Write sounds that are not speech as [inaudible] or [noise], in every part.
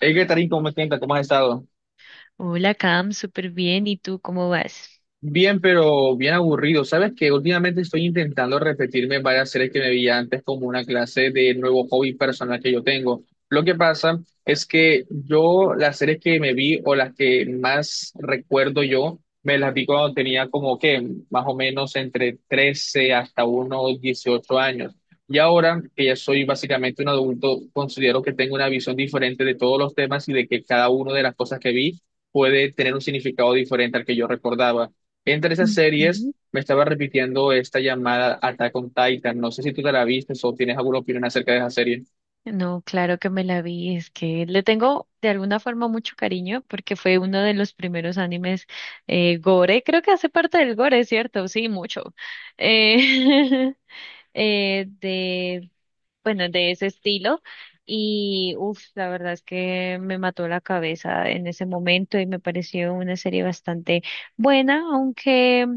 Hey, Tarín, ¿cómo te sientes? ¿Cómo has estado? Hola, Cam, súper bien. ¿Y tú cómo vas? Bien, pero bien aburrido. Sabes que últimamente estoy intentando repetirme varias series que me vi antes como una clase de nuevo hobby personal que yo tengo. Lo que pasa es que yo las series que me vi o las que más recuerdo yo, me las vi cuando tenía como que más o menos entre 13 hasta unos 18 años. Y ahora que ya soy básicamente un adulto, considero que tengo una visión diferente de todos los temas y de que cada una de las cosas que vi puede tener un significado diferente al que yo recordaba. Entre esas series Ujú. me estaba repitiendo esta llamada Attack on Titan. No sé si tú te la viste o tienes alguna opinión acerca de esa serie. No, claro que me la vi. Es que le tengo de alguna forma mucho cariño porque fue uno de los primeros animes gore. Creo que hace parte del gore, ¿cierto? Sí, mucho. Eh, [laughs] eh, de, bueno, de ese estilo. La verdad es que me mató la cabeza en ese momento y me pareció una serie bastante buena, aunque.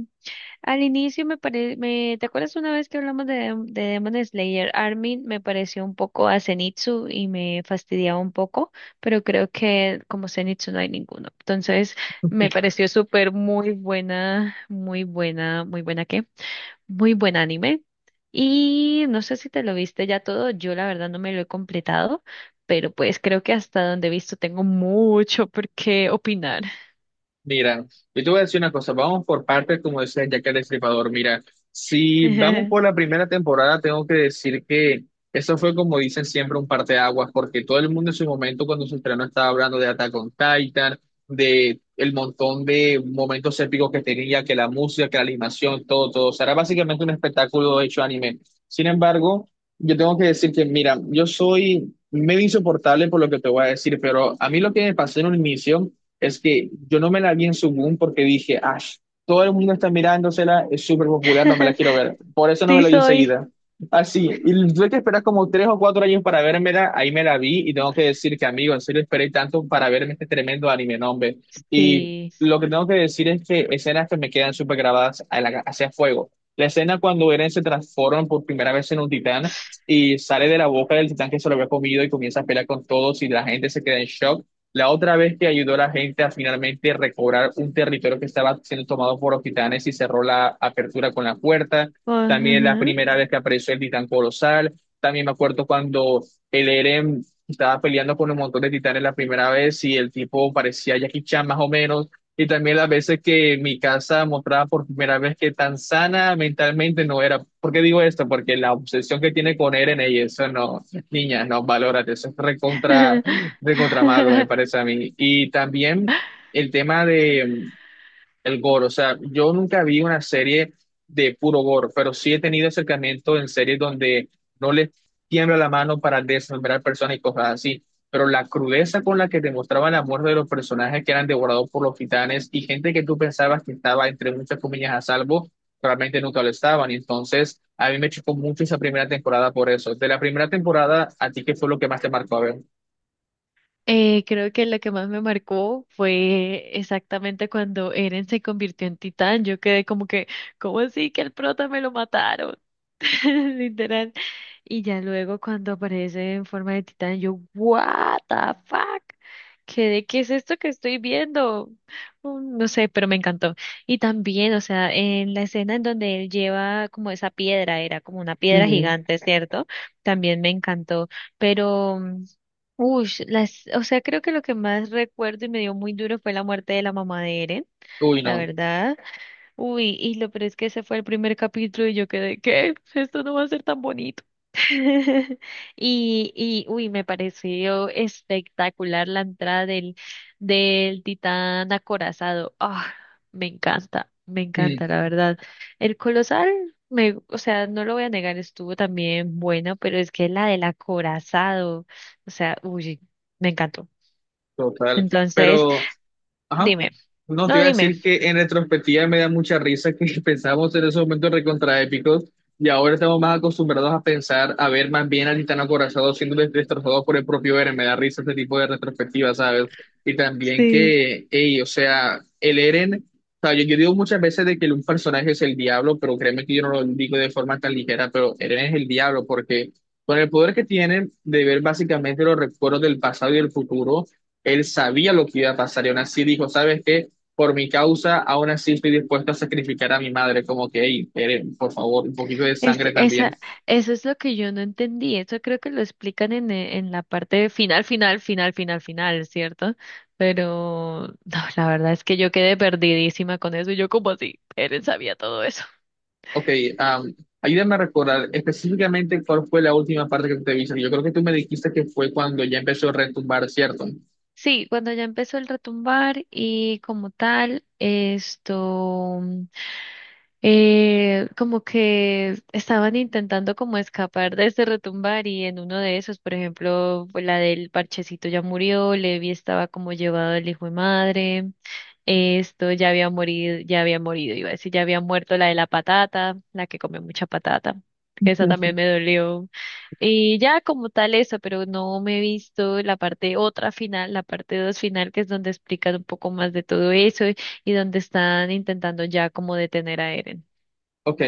Al inicio me parece, ¿te acuerdas una vez que hablamos de, de Demon Slayer? Armin me pareció un poco a Zenitsu y me fastidiaba un poco, pero creo que como Zenitsu no hay ninguno. Entonces me pareció súper muy buena, muy buena, muy buena ¿qué? Muy buen anime. Y no sé si te lo viste ya todo, yo la verdad no me lo he completado, pero pues creo que hasta donde he visto tengo mucho por qué opinar. Mira, yo te voy a decir una cosa, vamos por partes, como decía Jack el Destripador. Mira, si vamos por la primera temporada, tengo que decir que eso fue como dicen siempre un parteaguas, porque todo el mundo en su momento cuando se estrenó estaba hablando de Attack on Titan, de el montón de momentos épicos que tenía, que la música, que la animación, todo, todo. O sea, era básicamente un espectáculo hecho anime. Sin embargo, yo tengo que decir que, mira, yo soy medio insoportable por lo que te voy a decir, pero a mí lo que me pasó en un inicio es que yo no me la vi en su porque dije, ah, todo el mundo está mirándosela, es súper popular, no me la quiero [laughs] ver. Por eso no me Sí la vi soy. enseguida. Así, y tuve que esperar como 3 o 4 años para vérmela, ahí me la vi y tengo que decir que, amigo, en serio esperé tanto para verme este tremendo anime, no, hombre. Y Sí. lo que tengo que decir es que escenas que me quedan súper grabadas hacia fuego. La escena cuando Eren se transforma por primera vez en un titán y sale de la boca del titán que se lo había comido y comienza a pelear con todos y la gente se queda en shock. La otra vez que ayudó a la gente a finalmente recobrar un territorio que estaba siendo tomado por los titanes y cerró la apertura con la puerta. También la Ajá. primera vez que apareció el titán colosal. También me acuerdo cuando el Eren estaba peleando con un montón de titanes la primera vez y el tipo parecía Jackie Chan más o menos. Y también las veces que mi casa mostraba por primera vez que tan sana mentalmente no era. ¿Por qué digo esto? Porque la obsesión que tiene con Eren y eso no, niña, no, valórate, eso es recontra malo, me [laughs] parece a mí. Y también el tema de el gore. O sea, yo nunca vi una serie de puro gore, pero sí he tenido acercamiento en series donde no les tiembla la mano para desmembrar personas y cosas así. Pero la crudeza con la que demostraban la muerte de los personajes que eran devorados por los titanes y gente que tú pensabas que estaba entre muchas comillas a salvo, realmente nunca lo estaban. Y entonces, a mí me chocó mucho esa primera temporada por eso. De la primera temporada, ¿a ti qué fue lo que más te marcó a ver? Creo que lo que más me marcó fue exactamente cuando Eren se convirtió en titán. Yo quedé ¿cómo así que el prota me lo mataron? [laughs] Literal. Y ya luego cuando aparece en forma de titán, yo, what the fuck, ¿qué es esto que estoy viendo? No sé, pero me encantó. Y también, o sea, en la escena en donde él lleva como esa piedra, era como una piedra Ujú. gigante, ¿cierto? También me encantó, pero... mm, Ush, las, o sea, creo que lo que más recuerdo y me dio muy duro fue la muerte de la mamá de Eren, Uy, la no. verdad. Uy, y lo peor es que ese fue el primer capítulo y yo quedé, ¿qué? Esto no va a ser tan bonito. [laughs] Me pareció espectacular la entrada del titán acorazado. Ah, me Mm. encanta, la verdad. El colosal, o sea, no lo voy a negar, estuvo también bueno, pero es que la del acorazado, o sea, uy, me encantó. Total, Entonces, pero, ajá, dime, no te no iba a dime. decir que en retrospectiva me da mucha risa que [laughs] pensábamos en esos momentos recontraépicos y ahora estamos más acostumbrados a pensar, a ver más bien a Titán acorazado siendo destrozado por el propio Eren, me da risa este tipo de retrospectiva, ¿sabes? Y también Sí. que, ey, o sea, el Eren, o sea, yo digo muchas veces de que un personaje es el diablo, pero créeme que yo no lo digo de forma tan ligera, pero Eren es el diablo porque con el poder que tiene de ver básicamente los recuerdos del pasado y del futuro, él sabía lo que iba a pasar y aún así dijo, ¿sabes qué? Por mi causa, aún así estoy dispuesto a sacrificar a mi madre, como que, "Ey, Eren, por favor, un poquito de Es, sangre también". esa, eso es lo que yo no entendí. Eso creo que lo explican en, en la parte de final, final, final, final, final, ¿cierto? Pero [laughs] no, la verdad es que yo quedé perdidísima con eso. Yo como así, él sabía todo eso. Ok. am, Ayúdame a recordar específicamente cuál fue la última parte que tú te viste. Yo creo que tú me dijiste que fue cuando ya empezó a retumbar, ¿cierto? Sí, cuando ya empezó el retumbar y como tal, esto. Como que estaban intentando como escapar de ese retumbar y en uno de esos, por ejemplo, fue la del parchecito ya murió, Levi estaba como llevado el hijo de madre, esto ya había morido, iba a decir, ya había muerto la de la patata, la que come mucha patata. Que Esa también me dolió. Y ya como tal eso, pero no me he visto la parte otra final, la parte dos final, que es donde explican un poco más de todo eso y donde están intentando ya como detener a Eren. Ok.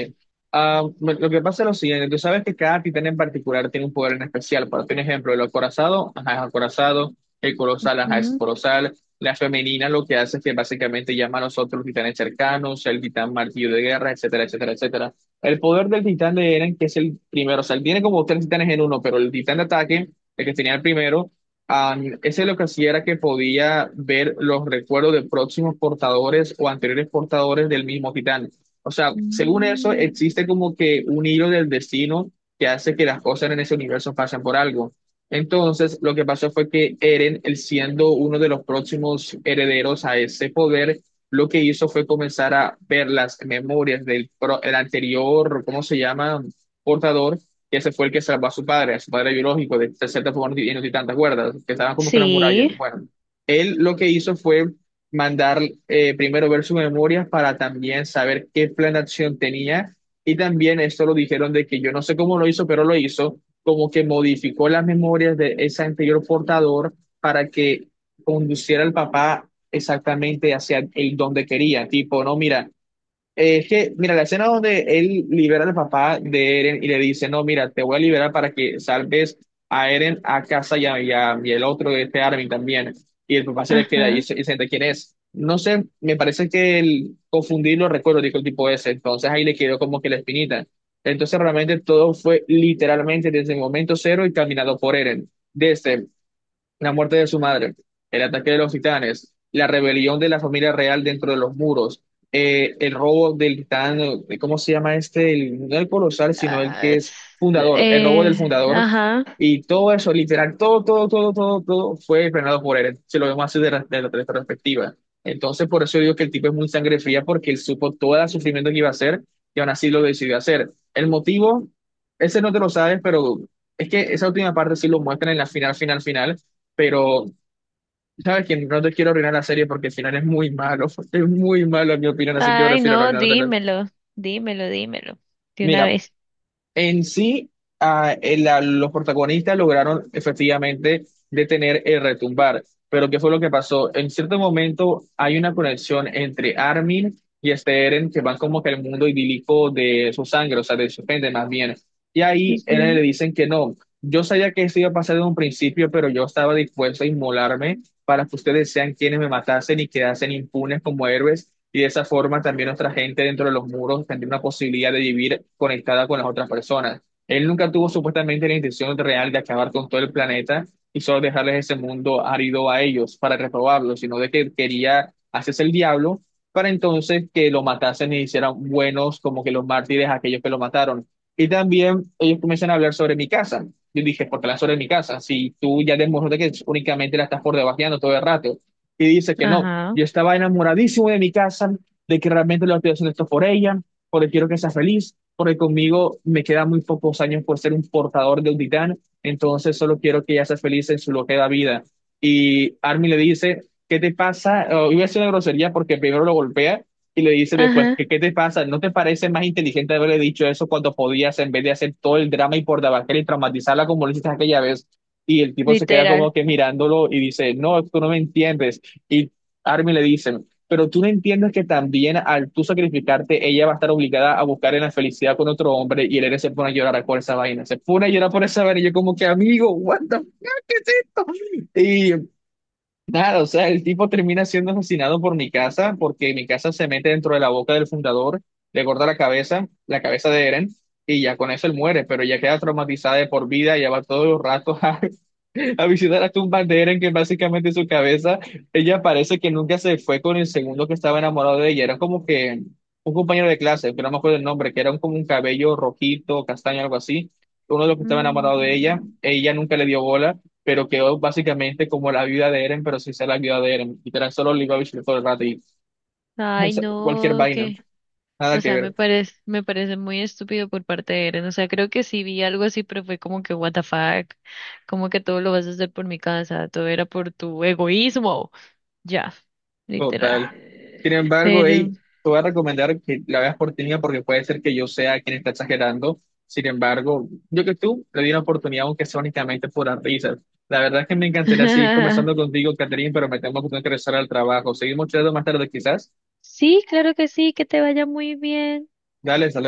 Lo que pasa es lo siguiente, tú sabes que cada titán en particular tiene un poder en especial, por ejemplo, el acorazado, ajá, es acorazado, el colosal, ajá, es Mm, colosal, la femenina lo que hace es que básicamente llama a los otros titanes cercanos, el titán martillo de guerra, etcétera, etcétera, etcétera. El poder del titán de Eren, que es el primero, o sea, él tiene como tres titanes en uno, pero el titán de ataque, el que tenía el primero, ah, ese lo que hacía era que podía ver los recuerdos de próximos portadores o anteriores portadores del mismo titán. O sea, según eso, existe mm. como que un hilo del destino que hace que las cosas en ese universo pasen por algo. Entonces, lo que pasó fue que Eren, él siendo uno de los próximos herederos a ese poder, lo que hizo fue comenzar a ver las memorias el anterior, ¿cómo se llama? Portador, que ese fue el que salvó a su padre biológico, de cierta forma, y no estoy tan de que estaban como que en una muralla. Sí, Bueno, él lo que hizo fue mandar primero ver su memoria para también saber qué plan de acción tenía. Y también esto lo dijeron de que yo no sé cómo lo hizo, pero lo hizo, como que modificó las memorias de ese anterior portador para que conduciera al papá exactamente hacia el donde quería. Tipo, no, mira, es que, mira, la escena donde él libera al papá de Eren y le dice, no, mira, te voy a liberar para que salves a Eren, a casa y el otro de este Armin también. Y el papá se le queda y ajá. se y se entera quién es. No sé, me parece que el confundir los recuerdos, dijo el tipo ese. Entonces ahí le quedó como que la espinita. Entonces realmente todo fue literalmente desde el momento cero y caminado por Eren. Desde la muerte de su madre, el ataque de los titanes, la rebelión de la familia real dentro de los muros, el robo del titán, ¿cómo se llama este? El- no el colosal, sino el Ah, que s- es fundador, el robo del fundador. ajá. Y todo eso, literal, todo, todo, todo, todo, todo fue frenado por él, si lo vemos así de esta perspectiva. Entonces, por eso digo que el tipo es muy sangre fría, porque él supo todo el sufrimiento que iba a hacer y aún así lo decidió hacer. El motivo, ese no te lo sabes, pero es que esa última parte sí lo muestran en la final, final, final, pero sabes que no te quiero arruinar la serie porque el final es muy malo, [laughs] es muy malo en mi opinión, así que Ay, prefiero no no, arruinártelo. dímelo, dímelo, dímelo. De una Mira, vez. en sí, los protagonistas lograron efectivamente detener el retumbar. Pero ¿qué fue lo que pasó? En cierto momento hay una conexión entre Armin y este Eren que van como que al mundo idílico de su sangre, o sea, de su gente más bien. Y ahí Eren le Ujú. dicen que no. Yo sabía que esto iba a pasar desde un principio, pero yo estaba dispuesto a inmolarme para que ustedes sean quienes me matasen y quedasen impunes como héroes y de esa forma también nuestra gente dentro de los muros tendría una posibilidad de vivir conectada con las otras personas. Él nunca tuvo supuestamente la intención real de acabar con todo el planeta y solo dejarles ese mundo árido a ellos para reprobarlo, sino de que quería hacerse el diablo para entonces que lo matasen y hicieran buenos como que los mártires a aquellos que lo mataron. Y también ellos comienzan a hablar sobre mi casa. Yo dije, ¿por qué hablas sobre mi casa? Si tú ya demostraste que únicamente la estás por debajeando todo el rato. Y dice que no, Ajá, yo estaba enamoradísimo de mi casa, de que realmente lo estoy haciendo esto por ella, porque quiero que sea feliz, porque conmigo me quedan muy pocos años por ser un portador de un titán, entonces solo quiero que ella sea feliz en su lo que da vida. Y Armin le dice, ¿qué te pasa? Oh, iba a hacer una grosería porque primero lo golpea y le dice después, ajá, ¿qué te pasa? ¿No te parece más inteligente haberle dicho eso cuando podías en vez de hacer todo el drama y por debacle y traumatizarla como lo hiciste aquella vez? Y el tipo se queda literal. como que mirándolo y dice, no, tú no me entiendes. Y Armin le dicen, pero tú no entiendes que también al tú sacrificarte, ella va a estar obligada a buscar en la felicidad con otro hombre y el héroe se pone a llorar por esa vaina, se pone a llorar por esa vaina y yo como que amigo, what the fuck, ¿qué es esto? Y nada, o sea, el tipo termina siendo asesinado por mi casa porque mi casa se mete dentro de la boca del fundador, le corta la cabeza de Eren. Y ya con eso él muere, pero ya queda traumatizada de por vida, ya va todos los ratos [laughs] a visitar a un Bandera, en que básicamente su cabeza, ella parece que nunca se fue con el segundo que estaba enamorado de ella. Era como que un compañero de clase, pero no me acuerdo el nombre, que era un- como un cabello rojito, castaño, algo así. Uno de los que estaba enamorado de ella, Mm. ella nunca le dio bola, pero quedó básicamente como la viuda de Eren, pero sin ser la viuda de Eren. Literal, solo le iba a visitar todo el rato y Ay, [laughs] cualquier no, vaina, que, nada o que sea, ver. Me parece muy estúpido por parte de Eren. O sea, creo que sí vi algo así, pero fue como que, what the fuck, como que todo lo vas a hacer por mi casa, todo era por tu egoísmo. Ya, literal. Total. Sin embargo, Pero hey, te voy a recomendar que la veas por ti misma porque puede ser que yo sea quien está exagerando. Sin embargo, yo que tú le di una oportunidad, aunque sea únicamente por las risas. La verdad es que me encantaría seguir [laughs] conversando contigo, Catherine, pero me tengo que regresar al trabajo. Seguimos charlando más tarde, quizás. sí, claro que sí, que te vaya muy bien. Dale, saludos.